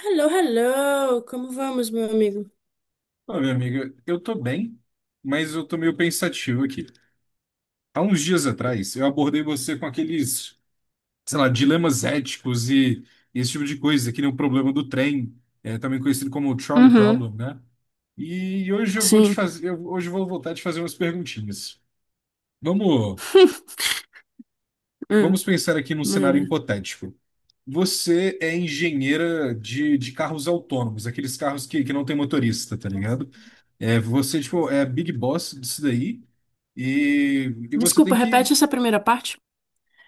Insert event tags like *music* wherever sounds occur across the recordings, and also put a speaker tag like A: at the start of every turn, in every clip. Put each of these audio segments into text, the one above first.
A: Hello, hello! Como vamos, meu amigo?
B: Olha, amiga, eu tô bem, mas eu tô meio pensativo aqui. Há uns dias atrás, eu abordei você com aqueles, sei lá, dilemas éticos e esse tipo de coisa, que nem o problema do trem, também conhecido como o trolley
A: Uhum,
B: problem, né? E hoje eu vou te
A: sim.
B: fazer, hoje eu vou voltar a te fazer umas perguntinhas. Vamos,
A: *laughs* Hum,
B: vamos pensar aqui num cenário
A: manda.
B: hipotético. Você é engenheira de carros autônomos, aqueles carros que não tem motorista, tá ligado? É, você, tipo, é a Big Boss disso daí, e, e você tem
A: Desculpa,
B: que.
A: repete essa primeira parte.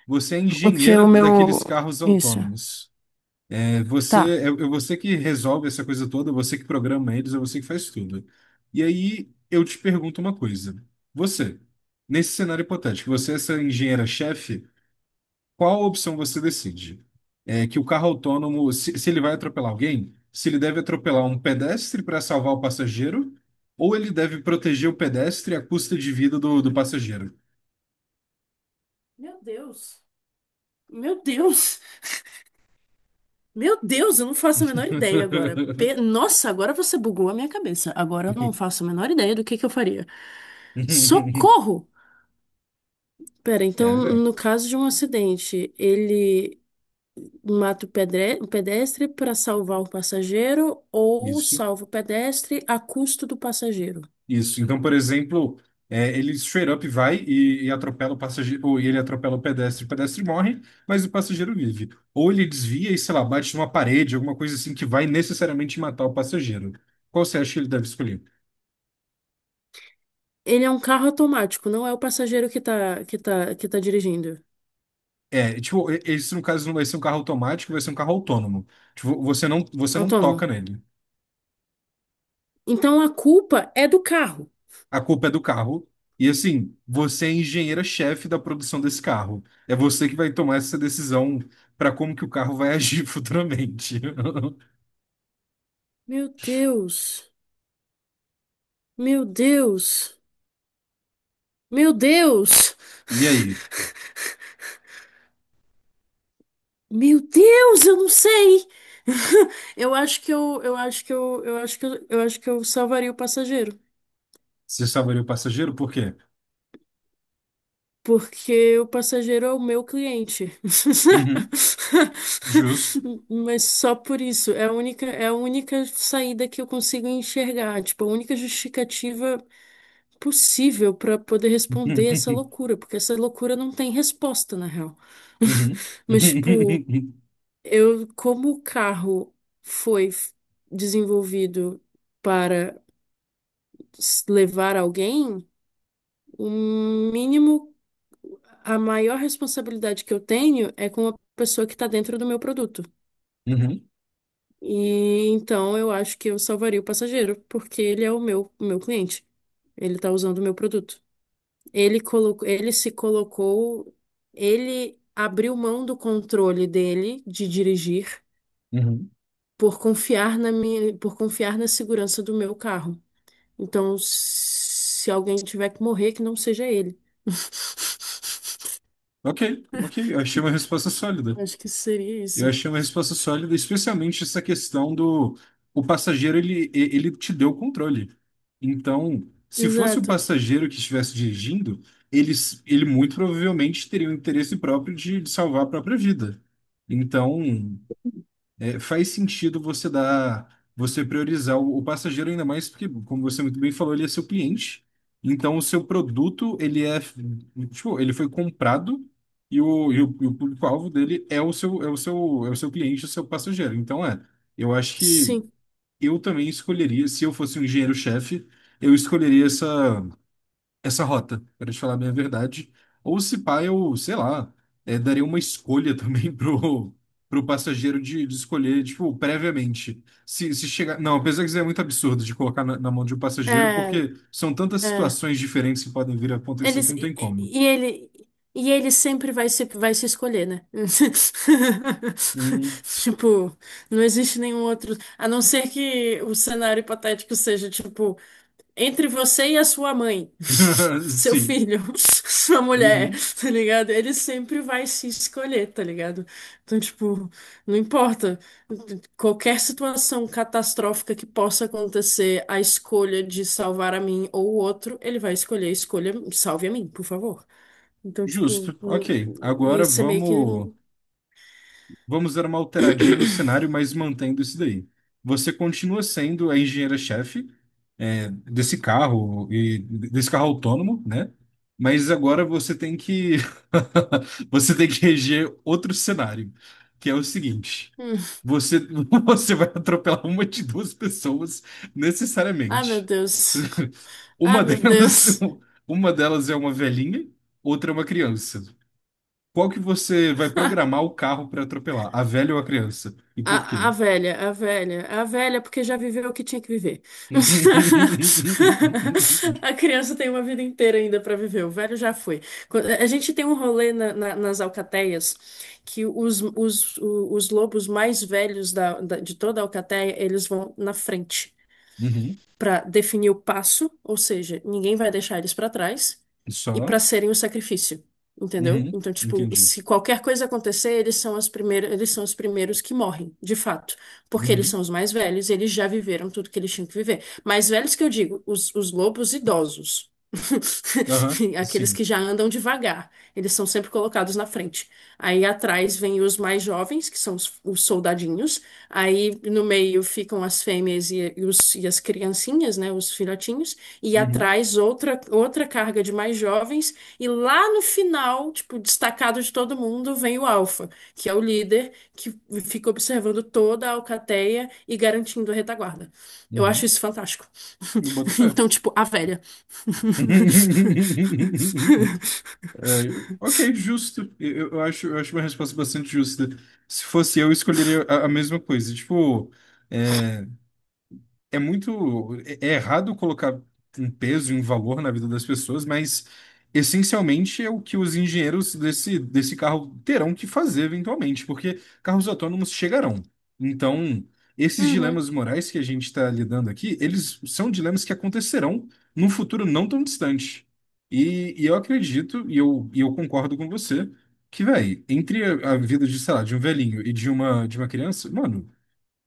B: Você é
A: Porque
B: engenheira
A: o meu.
B: daqueles carros
A: Isso.
B: autônomos. É você,
A: Tá.
B: é você que resolve essa coisa toda, é você que programa eles, é você que faz tudo. E aí eu te pergunto uma coisa. Você, nesse cenário hipotético, você é essa engenheira-chefe, qual opção você decide? É que o carro autônomo, se ele vai atropelar alguém, se ele deve atropelar um pedestre para salvar o passageiro, ou ele deve proteger o pedestre à custa de vida do passageiro?
A: Meu Deus. Meu Deus. Meu Deus, eu não faço a menor ideia agora.
B: *laughs*
A: Nossa, agora você bugou a minha cabeça. Agora eu não faço a menor ideia do que eu faria. Socorro! Pera, então,
B: É, velho.
A: no caso de um acidente, ele mata o o pedestre para salvar o passageiro ou
B: Isso.
A: salva o pedestre a custo do passageiro?
B: Isso. Então, por exemplo, é, ele straight up vai e atropela o passageiro, ou ele atropela o pedestre morre, mas o passageiro vive. Ou ele desvia e, sei lá, bate numa parede, alguma coisa assim que vai necessariamente matar o passageiro. Qual você acha que ele deve escolher?
A: Ele é um carro automático, não é o passageiro que tá dirigindo.
B: É, tipo, esse no caso não vai ser um carro automático, vai ser um carro autônomo. Tipo, você
A: É
B: não toca
A: autônomo.
B: nele.
A: Então a culpa é do carro.
B: A culpa é do carro. E assim, você é a engenheira-chefe da produção desse carro. É você que vai tomar essa decisão para como que o carro vai agir *laughs* futuramente.
A: Meu Deus. Meu Deus. Meu Deus.
B: E aí,
A: Meu Deus, eu não sei. *laughs* Eu acho que eu acho que eu acho que eu acho que eu salvaria o passageiro.
B: você salvaria o passageiro por quê?
A: Porque o passageiro é o meu cliente.
B: Uhum, justo.
A: *laughs* Mas só por isso, é a única saída que eu consigo enxergar, tipo, a única justificativa possível para poder responder essa
B: *laughs*
A: loucura, porque essa loucura não tem resposta, na real.
B: Uhum,
A: *laughs* Mas, tipo,
B: *laughs*
A: eu, como o carro foi f- desenvolvido para levar alguém, o mínimo a maior responsabilidade que eu tenho é com a pessoa que está dentro do meu produto.
B: uhum, uhum,
A: E então eu acho que eu salvaria o passageiro, porque ele é o meu cliente. Ele está usando o meu produto. Ele se colocou, ele abriu mão do controle dele de dirigir
B: uhum.
A: por por confiar na segurança do meu carro. Então, se alguém tiver que morrer, que não seja ele. *laughs*
B: Ok, ok, eu achei uma resposta sólida.
A: Acho que seria
B: Eu
A: isso.
B: achei uma resposta sólida, especialmente essa questão do... O passageiro, ele, ele te deu o controle. Então, se fosse o
A: Exato.
B: passageiro que estivesse dirigindo, ele muito provavelmente teria o interesse próprio de salvar a própria vida. Então, é, faz sentido você dar, você priorizar o passageiro ainda mais porque, como você muito bem falou, ele é seu cliente. Então, o seu produto, ele é, tipo, ele foi comprado e o público-alvo dele é é o seu cliente, o seu passageiro. Então, é, eu acho que
A: Sim,
B: eu também escolheria, se eu fosse um engenheiro-chefe, eu escolheria essa rota, para te falar bem a verdade. Ou se pá, eu, sei lá, é, daria uma escolha também *laughs* pro passageiro de escolher, tipo, previamente. Se chegar. Não, apesar que isso é muito absurdo de colocar na mão de um passageiro,
A: é,
B: porque são tantas
A: é.
B: situações diferentes que podem vir a acontecer que
A: Eles,
B: não tem como.
A: e ele sempre vai se escolher, né?
B: Hum.
A: *laughs* Tipo, não existe nenhum outro. A não ser que o cenário hipotético seja, tipo, entre você e a sua mãe, *laughs*
B: *laughs*
A: seu
B: Sim.
A: filho, *laughs* sua mulher,
B: Uhum.
A: tá ligado? Ele sempre vai se escolher, tá ligado? Então, tipo, não importa. Qualquer situação catastrófica que possa acontecer, a escolha de salvar a mim ou o outro, ele vai escolher, escolha, salve a mim, por favor. Então, tipo,
B: Justo. Ok. Agora
A: ia ser meio que.
B: vamos. Vamos dar uma alteradinha no cenário, mas mantendo isso daí. Você continua sendo a engenheira-chefe, é, desse carro e desse carro autônomo, né? Mas agora você tem que *laughs* você tem que reger outro cenário, que é o seguinte:
A: hum,
B: você *laughs* você vai atropelar uma de duas pessoas
A: Ah, meu
B: necessariamente.
A: Deus. Ah,
B: Uma
A: meu
B: delas
A: Deus.
B: *laughs* uma delas é uma velhinha, outra é uma criança. Qual que você vai
A: *laughs*
B: programar o carro para atropelar? A velha ou a criança? E por
A: A, a
B: quê?
A: velha, a velha, a velha, porque já viveu o que tinha que viver. *laughs* A
B: *laughs*
A: criança tem uma vida inteira ainda para viver, o velho já foi. A gente tem um rolê nas alcateias que os lobos mais velhos de toda a alcateia, eles vão na frente
B: Uhum.
A: para definir o passo, ou seja, ninguém vai deixar eles para trás, e
B: Só?
A: para serem o sacrifício, entendeu?
B: Uhum.
A: Então, tipo,
B: Entendi.
A: se qualquer coisa acontecer, eles são os primeiros que morrem, de fato, porque eles
B: Uhum.
A: são os mais velhos, eles já viveram tudo que eles tinham que viver. Mais velhos que eu digo, os lobos idosos.
B: Aham.
A: *laughs* Aqueles
B: Sim.
A: que já andam devagar, eles são sempre colocados na frente. Aí atrás vem os mais jovens, que são os soldadinhos, aí no meio ficam as fêmeas e, e as criancinhas, né, os filhotinhos, e
B: Uhum.
A: atrás outra carga de mais jovens, e lá no final, tipo, destacado de todo mundo, vem o alfa, que é o líder que fica observando toda a alcateia e garantindo a retaguarda. Eu acho
B: Uhum.
A: isso fantástico.
B: Me boto
A: *laughs*
B: fé.
A: Então, tipo, a velha.
B: *laughs* É, ok,
A: *laughs*
B: justo. Acho, eu acho uma resposta bastante justa. Se fosse eu escolheria a mesma coisa. Tipo, é, é muito. É é errado colocar um peso e um valor na vida das pessoas, mas essencialmente é o que os engenheiros desse carro terão que fazer eventualmente, porque carros autônomos chegarão. Então, esses
A: Uhum,
B: dilemas morais que a gente está lidando aqui, eles são dilemas que acontecerão num futuro não tão distante. E eu acredito, e eu concordo com você, que, véi, entre a vida de, sei lá, de um velhinho e de uma criança, mano.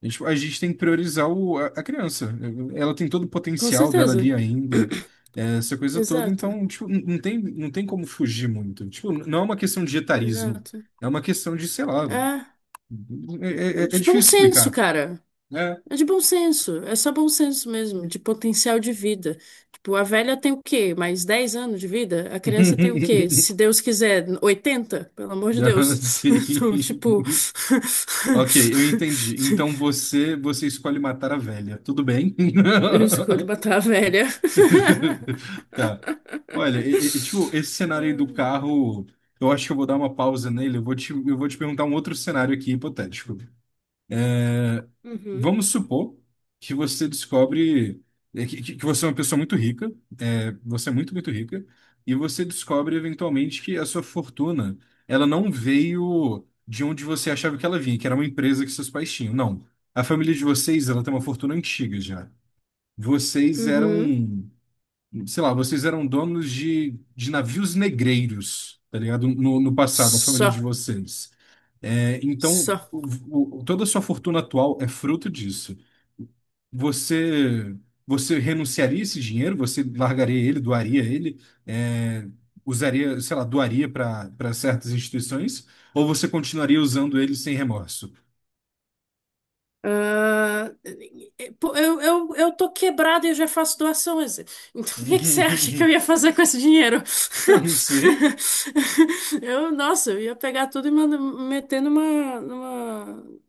B: A gente tem que priorizar a criança. Ela tem todo o
A: com
B: potencial dela
A: certeza.
B: ali ainda,
A: *coughs*
B: é, essa
A: *clears throat*
B: coisa toda.
A: Exato,
B: Então, tipo, não tem, não tem como fugir muito. Tipo, não é uma questão de etarismo.
A: exato.
B: É uma questão de, sei lá.
A: É.
B: É, é é
A: De bom
B: difícil
A: senso,
B: explicar.
A: cara.
B: É.
A: É de bom senso. É só bom senso mesmo, de potencial de vida. Tipo, a velha tem o quê? Mais 10 anos de vida? A criança tem o quê?
B: *laughs*
A: Se Deus quiser, 80. Pelo amor de
B: Não,
A: Deus. *laughs*
B: sim.
A: Então, tipo. *laughs*
B: Ok, eu entendi. Então você escolhe matar a velha. Tudo bem?
A: Eu escolho
B: *laughs*
A: matar a velha.
B: *laughs* Tá. Olha, tipo, esse cenário aí do
A: *laughs*
B: carro, eu acho que eu vou dar uma pausa nele. Eu vou te perguntar um outro cenário aqui hipotético. É,
A: Uhum.
B: vamos supor que você descobre é, que que você é uma pessoa muito rica, é, você é muito, muito rica, e você descobre eventualmente que a sua fortuna, ela não veio de onde você achava que ela vinha, que era uma empresa que seus pais tinham. Não. A família de vocês, ela tem uma fortuna antiga já. Vocês eram
A: Uhum.
B: sei lá, vocês eram donos de navios negreiros, tá ligado? No passado, a família de
A: Só.
B: vocês. É, então,
A: Só.
B: toda a sua fortuna atual é fruto disso. Você, você renunciaria a esse dinheiro? Você largaria ele, doaria ele? É, usaria, sei lá, doaria para para certas instituições? Ou você continuaria usando ele sem remorso?
A: Ah, pô, eu tô quebrada e eu já faço doações. Então, o que que você acha que eu
B: *laughs*
A: ia fazer com esse dinheiro?
B: Eu
A: *laughs*
B: não sei.
A: Eu, nossa, eu ia pegar tudo e meter numa,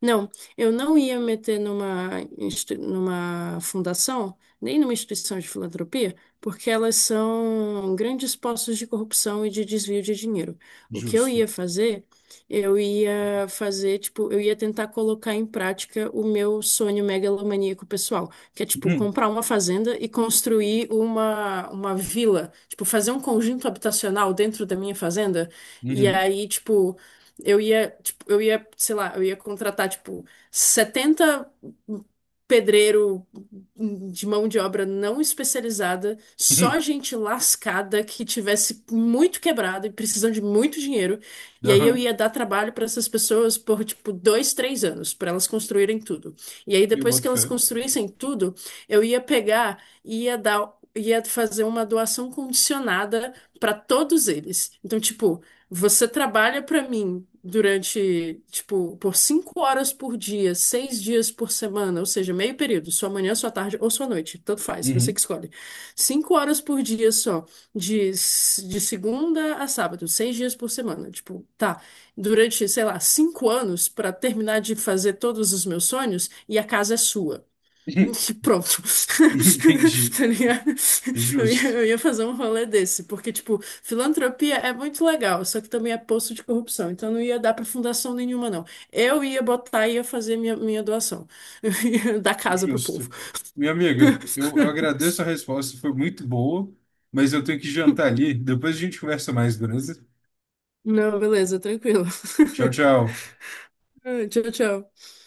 A: não, eu não ia meter numa fundação, nem numa instituição de filantropia, porque elas são grandes postos de corrupção e de desvio de dinheiro. O que
B: Justo.
A: eu ia fazer, tipo, eu ia tentar colocar em prática o meu sonho megalomaníaco pessoal, que é, tipo,
B: Uhum.
A: comprar uma fazenda e construir uma vila, tipo, fazer um conjunto habitacional dentro da minha fazenda, e
B: Uhum.
A: aí, tipo, eu ia, sei lá, eu ia contratar, tipo, 70 pedreiro de mão de obra não especializada, só
B: Uhum.
A: gente lascada que tivesse muito quebrado e precisando de muito dinheiro. E aí eu
B: Aham.
A: ia dar trabalho para essas pessoas por, tipo, 2, 3 anos, para elas construírem tudo. E aí
B: Eu
A: depois que
B: boto
A: elas
B: fé.
A: construíssem tudo, eu ia pegar e ia dar. Ia fazer uma doação condicionada para todos eles. Então, tipo, você trabalha para mim durante, tipo, por 5 horas por dia, 6 dias por semana, ou seja, meio período, sua manhã, sua tarde ou sua noite, tanto faz, você que
B: Uhum.
A: escolhe. 5 horas por dia só, de segunda a sábado, 6 dias por semana. Tipo, tá, durante, sei lá, 5 anos para terminar de fazer todos os meus sonhos e a casa é sua.
B: *laughs*
A: *laughs* Pronto.
B: *laughs*
A: *laughs*
B: Entendi.
A: Tá ligado?
B: Justo,
A: Eu ia fazer um rolê desse, porque, tipo, filantropia é muito legal, só que também é poço de corrupção, então não ia dar pra fundação nenhuma, não. Eu ia botar e ia fazer minha doação, *laughs* eu ia dar casa pro povo.
B: justo. Minha amiga, eu agradeço a resposta, foi muito boa, mas eu tenho que jantar ali. Depois a gente conversa mais, beleza?
A: Não, beleza, tranquilo.
B: Tchau, tchau.
A: *laughs* Tchau, tchau.